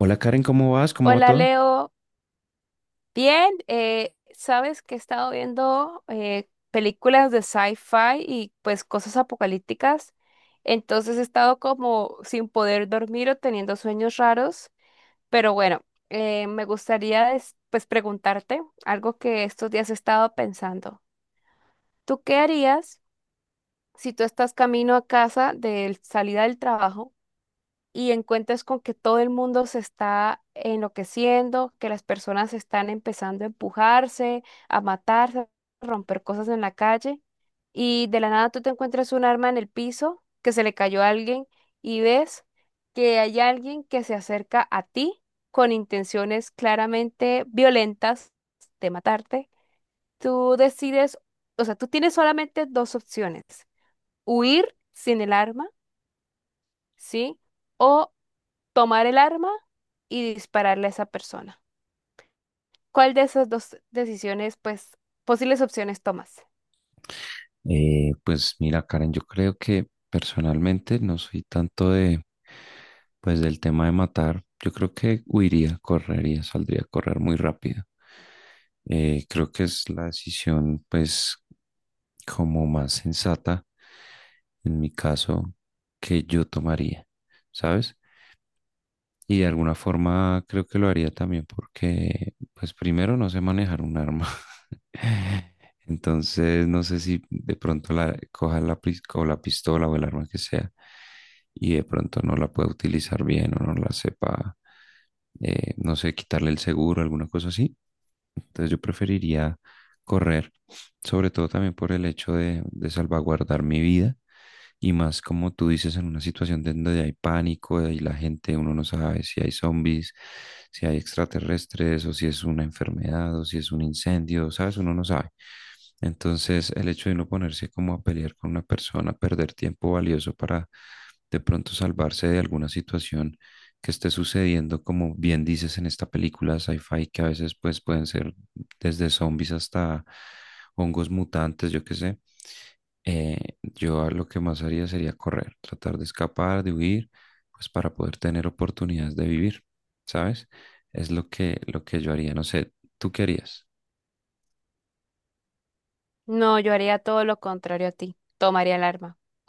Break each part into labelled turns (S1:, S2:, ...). S1: Hola Karen, ¿cómo vas? ¿Cómo va
S2: Hola
S1: todo?
S2: Leo, bien. Sabes que he estado viendo películas de sci-fi y pues cosas apocalípticas, entonces he estado como sin poder dormir o teniendo sueños raros, pero bueno, me gustaría pues preguntarte algo que estos días he estado pensando. ¿Tú qué harías si tú estás camino a casa de salida del trabajo y encuentras con que todo el mundo se está enloqueciendo, que las personas están empezando a empujarse, a matarse, a romper cosas en la calle, y de la nada tú te encuentras un arma en el piso que se le cayó a alguien y ves que hay alguien que se acerca a ti con intenciones claramente violentas de matarte? Tú decides, o sea, tú tienes solamente dos opciones: huir sin el arma, ¿sí? O tomar el arma y dispararle a esa persona. ¿Cuál de esas dos decisiones, pues, posibles opciones tomas?
S1: Pues mira Karen, yo creo que personalmente no soy tanto pues del tema de matar. Yo creo que huiría, correría, saldría a correr muy rápido. Creo que es la decisión pues como más sensata en mi caso que yo tomaría, ¿sabes? Y de alguna forma creo que lo haría también porque, pues primero no sé manejar un arma. Entonces no sé si de pronto la coja la, pis- o la pistola o el arma que sea y de pronto no la pueda utilizar bien o no la sepa, no sé, quitarle el seguro, alguna cosa así. Entonces yo preferiría correr, sobre todo también por el hecho de salvaguardar mi vida y más como tú dices, en una situación donde hay pánico y la gente, uno no sabe si hay zombies, si hay extraterrestres o si es una enfermedad o si es un incendio, ¿sabes? Uno no sabe. Entonces, el hecho de uno ponerse como a pelear con una persona, perder tiempo valioso para de pronto salvarse de alguna situación que esté sucediendo, como bien dices en esta película sci-fi, que a veces pues pueden ser desde zombies hasta hongos mutantes, yo qué sé. Yo lo que más haría sería correr, tratar de escapar, de huir, pues para poder tener oportunidades de vivir, ¿sabes? Es lo que yo haría. No sé, ¿tú qué harías?
S2: No, yo haría todo lo contrario a ti. Tomaría el arma.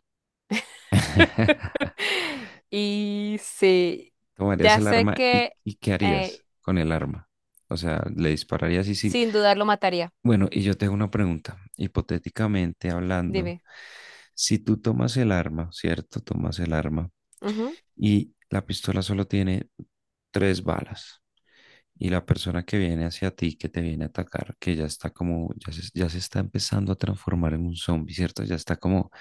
S2: Y sí,
S1: ¿Tomarías
S2: ya
S1: el
S2: sé
S1: arma
S2: que
S1: y qué harías
S2: eh,
S1: con el arma? O sea, le dispararías y sí.
S2: sin dudar lo mataría.
S1: Bueno, y yo tengo una pregunta. Hipotéticamente hablando,
S2: Dime.
S1: si tú tomas el arma, ¿cierto? Tomas el arma
S2: Ujú.
S1: y la pistola solo tiene tres balas. Y la persona que viene hacia ti, que te viene a atacar, que ya está como, ya se está empezando a transformar en un zombie, ¿cierto? Ya está como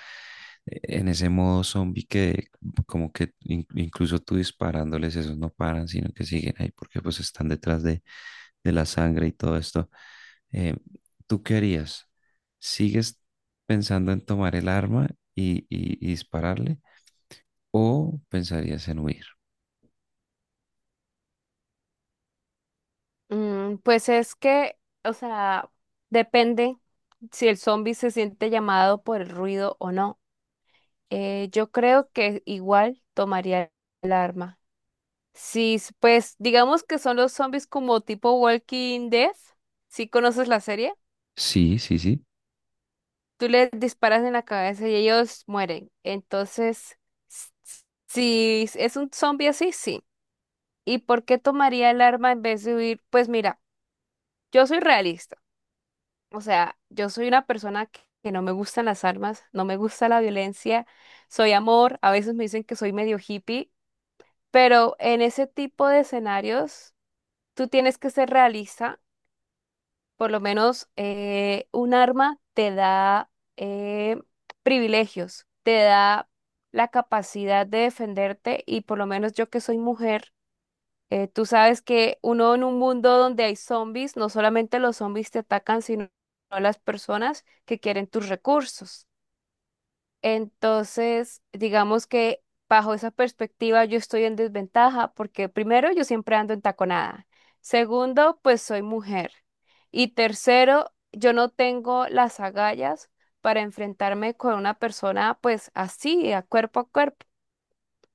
S1: en ese modo zombie que como que incluso tú disparándoles, esos no paran, sino que siguen ahí porque pues están detrás de la sangre y todo esto. Eh, ¿Tú qué harías? ¿Sigues pensando en tomar el arma y dispararle o pensarías en huir?
S2: Mm, pues es que, o sea, depende si el zombie se siente llamado por el ruido o no. Yo creo que igual tomaría el arma. Sí, pues digamos que son los zombies como tipo Walking Dead. ¿Si conoces la serie?
S1: Sí, sí, sí,
S2: Tú les disparas en la cabeza y ellos mueren. Entonces, s- s- si s- es un zombie así, sí. ¿Y por qué tomaría el arma en vez de huir? Pues mira, yo soy realista. O sea, yo soy una persona que no me gustan las armas, no me gusta la violencia, soy amor. A veces me dicen que soy medio hippie, pero en ese tipo de escenarios, tú tienes que ser realista. Por lo menos un arma te da eh, privilegios, te da la capacidad de defenderte, y por lo menos yo que soy mujer, tú sabes que uno en un mundo donde hay zombies, no solamente los zombies te atacan, sino las personas que quieren tus recursos. Entonces, digamos que bajo esa perspectiva yo estoy en desventaja porque primero yo siempre ando en taconada. Segundo, pues soy mujer. Y tercero, yo no tengo las agallas para enfrentarme con una persona pues así, a cuerpo a cuerpo.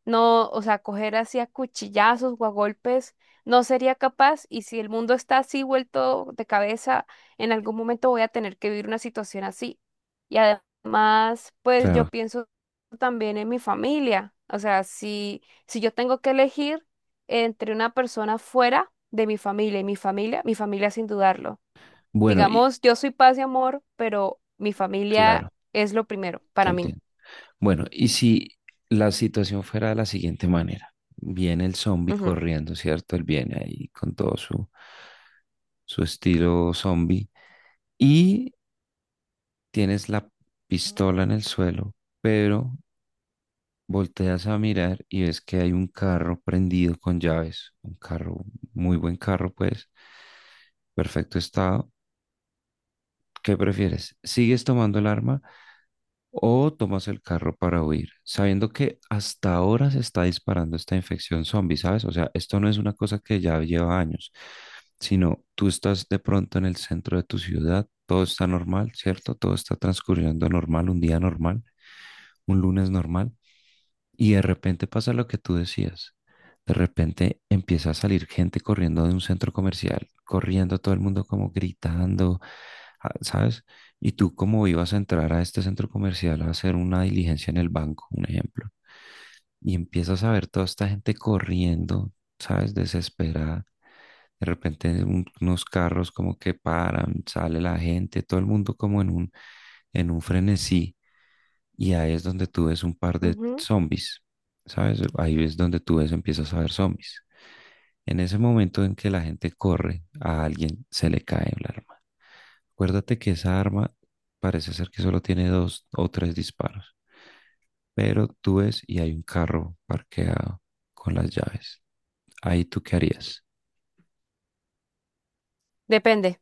S2: No, o sea, coger así a cuchillazos o a golpes, no sería capaz. Y si el mundo está así vuelto de cabeza, en algún momento voy a tener que vivir una situación así. Y además, pues yo
S1: claro.
S2: pienso también en mi familia. O sea, si yo tengo que elegir entre una persona fuera de mi familia y mi familia sin dudarlo.
S1: Bueno, y
S2: Digamos, yo soy paz y amor, pero mi
S1: claro,
S2: familia es lo primero
S1: te
S2: para mí.
S1: entiendo. Bueno, y si la situación fuera de la siguiente manera, viene el zombie
S2: Ujú.
S1: corriendo, ¿cierto? Él viene ahí con todo su, su estilo zombie y tienes la pistola en el suelo, pero volteas a mirar y ves que hay un carro prendido con llaves, un carro, muy buen carro, pues, perfecto estado. ¿Qué prefieres? ¿Sigues tomando el arma? ¿O tomas el carro para huir, sabiendo que hasta ahora se está disparando esta infección zombie, ¿sabes? O sea, esto no es una cosa que ya lleva años, sino tú estás de pronto en el centro de tu ciudad, todo está normal, ¿cierto? Todo está transcurriendo normal, un día normal, un lunes normal, y de repente pasa lo que tú decías. De repente empieza a salir gente corriendo de un centro comercial, corriendo todo el mundo como gritando, ah, ¿sabes? Y tú como ibas a entrar a este centro comercial a hacer una diligencia en el banco, un ejemplo, y empiezas a ver toda esta gente corriendo, ¿sabes? Desesperada. De repente unos carros como que paran, sale la gente, todo el mundo como en un frenesí y ahí es donde tú ves un par de
S2: Ujú.
S1: zombies, ¿sabes? Ahí es donde tú ves, empiezas a ver zombies. En ese momento en que la gente corre, a alguien se le cae el arma. Acuérdate que esa arma parece ser que solo tiene dos o tres disparos, pero tú ves y hay un carro parqueado con las llaves. ¿Ahí tú qué harías?
S2: Depende.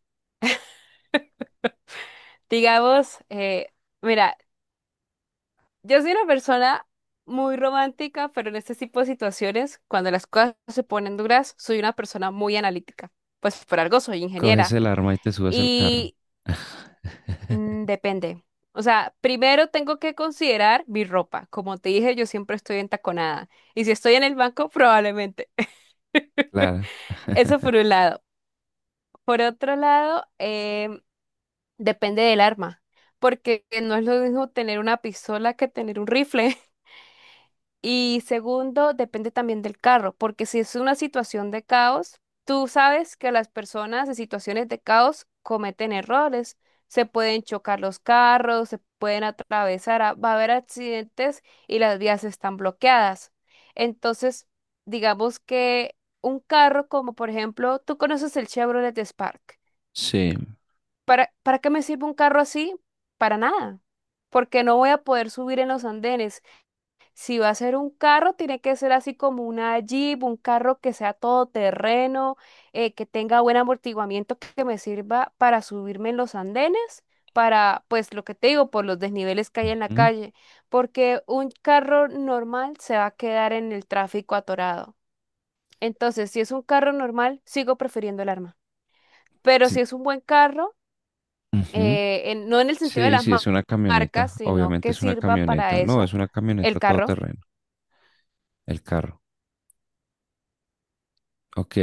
S2: Digamos, mira, yo soy una persona muy romántica, pero en este tipo de situaciones, cuando las cosas se ponen duras, soy una persona muy analítica. Pues por algo soy
S1: Coges
S2: ingeniera.
S1: el arma y te subes al carro.
S2: Y mm, depende. O sea, primero tengo que considerar mi ropa. Como te dije, yo siempre estoy entaconada. Y si estoy en el banco, probablemente.
S1: Claro,
S2: Eso por un lado. Por otro lado, depende del arma, porque no es lo mismo tener una pistola que tener un rifle. Y segundo, depende también del carro, porque si es una situación de caos, tú sabes que las personas en situaciones de caos cometen errores, se pueden chocar los carros, se pueden atravesar, va a haber accidentes y las vías están bloqueadas. Entonces, digamos que un carro como por ejemplo, tú conoces el Chevrolet Spark.
S1: sí.
S2: Para qué me sirve un carro así? Para nada, porque no voy a poder subir en los andenes. Si va a ser un carro, tiene que ser así como una Jeep, un carro que sea todoterreno, que tenga buen amortiguamiento, que me sirva para subirme en los andenes, para, pues lo que te digo, por los desniveles que hay en la
S1: Ujú,
S2: calle, porque un carro normal se va a quedar en el tráfico atorado. Entonces, si es un carro normal, sigo prefiriendo el arma. Pero
S1: sí,
S2: si es un buen carro,
S1: ujú.
S2: no en el sentido de
S1: Sí,
S2: las
S1: sí, es una
S2: marcas,
S1: camioneta.
S2: sino
S1: Obviamente
S2: que
S1: es una
S2: sirva
S1: camioneta.
S2: para
S1: No,
S2: eso
S1: es una
S2: el
S1: camioneta
S2: carro,
S1: todoterreno. El carro. Ok.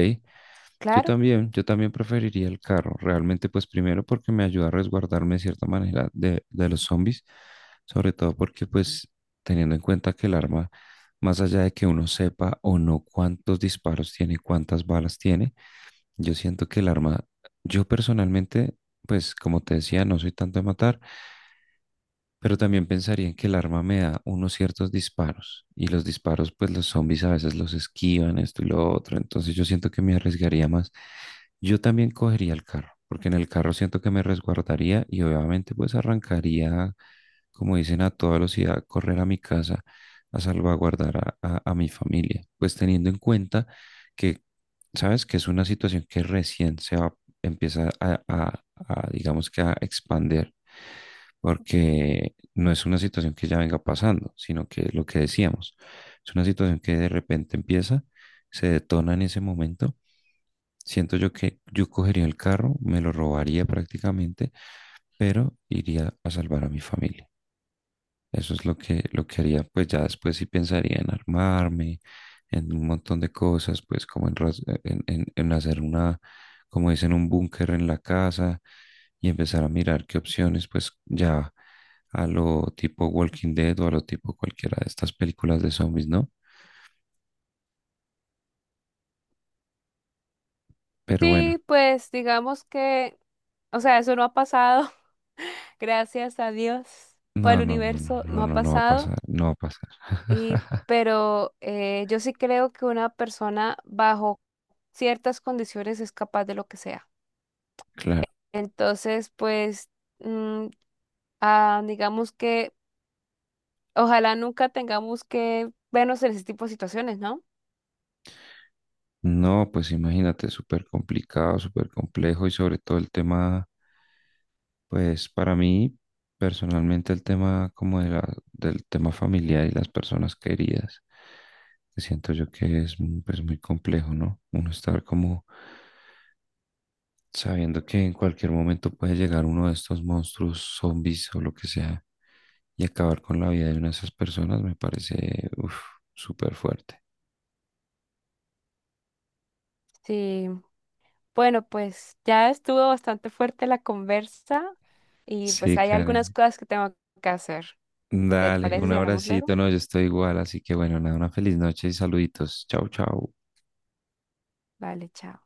S2: claro.
S1: Yo también preferiría el carro. Realmente, pues primero porque me ayuda a resguardarme de cierta manera de los zombies. Sobre todo porque, pues, teniendo en cuenta que el arma, más allá de que uno sepa o no cuántos disparos tiene, cuántas balas tiene, yo siento que el arma, yo personalmente, pues, como te decía, no soy tanto de matar. Pero también pensaría en que el arma me da unos ciertos disparos y los disparos, pues los zombies a veces los esquivan, esto y lo otro. Entonces yo siento que me arriesgaría más. Yo también cogería el carro, porque en el carro siento que me resguardaría y obviamente pues arrancaría, como dicen, a toda velocidad, a correr a mi casa a salvaguardar a mi familia. Pues teniendo en cuenta que, sabes, que es una situación que recién empieza a digamos que a expander, porque no es una situación que ya venga pasando, sino que lo que decíamos, es una situación que de repente empieza, se detona en ese momento. Siento yo que yo cogería el carro, me lo robaría prácticamente, pero iría a salvar a mi familia. Eso es lo que haría, pues ya después sí pensaría en armarme, en un montón de cosas, pues como en, ras- en hacer una, como dicen, un búnker en la casa y empezar a mirar qué opciones, pues ya a lo tipo Walking Dead o a lo tipo cualquiera de estas películas de zombies, ¿no? Pero bueno,
S2: Sí, pues digamos que, o sea, eso no ha pasado, gracias a Dios o al
S1: no, no, no, no,
S2: universo, no
S1: no,
S2: ha
S1: no, no va a
S2: pasado.
S1: pasar, no va a pasar.
S2: Y, pero yo sí creo que una persona bajo ciertas condiciones es capaz de lo que sea.
S1: Claro.
S2: Entonces, pues, mm, ah, digamos que ojalá nunca tengamos que vernos en ese tipo de situaciones, ¿no?
S1: No, pues imagínate, súper complicado, súper complejo y sobre todo el tema. Pues para mí, personalmente, el tema como de del tema familiar y las personas queridas, que siento yo que es mm, pues, muy complejo, ¿no? Uno estar como sabiendo que en cualquier momento puede llegar uno de estos monstruos, zombies o lo que sea, y acabar con la vida de una de esas personas me parece, uf, súper fuerte.
S2: Sí, bueno, pues ya estuvo bastante fuerte la conversa y pues
S1: Sí,
S2: hay algunas
S1: Karen.
S2: cosas que tengo que hacer. ¿Te
S1: Dale,
S2: parece
S1: un
S2: si hablamos luego?
S1: abracito, no, yo estoy igual, así que bueno, nada, una feliz noche y saluditos. Chau, chau.
S2: Vale, chao.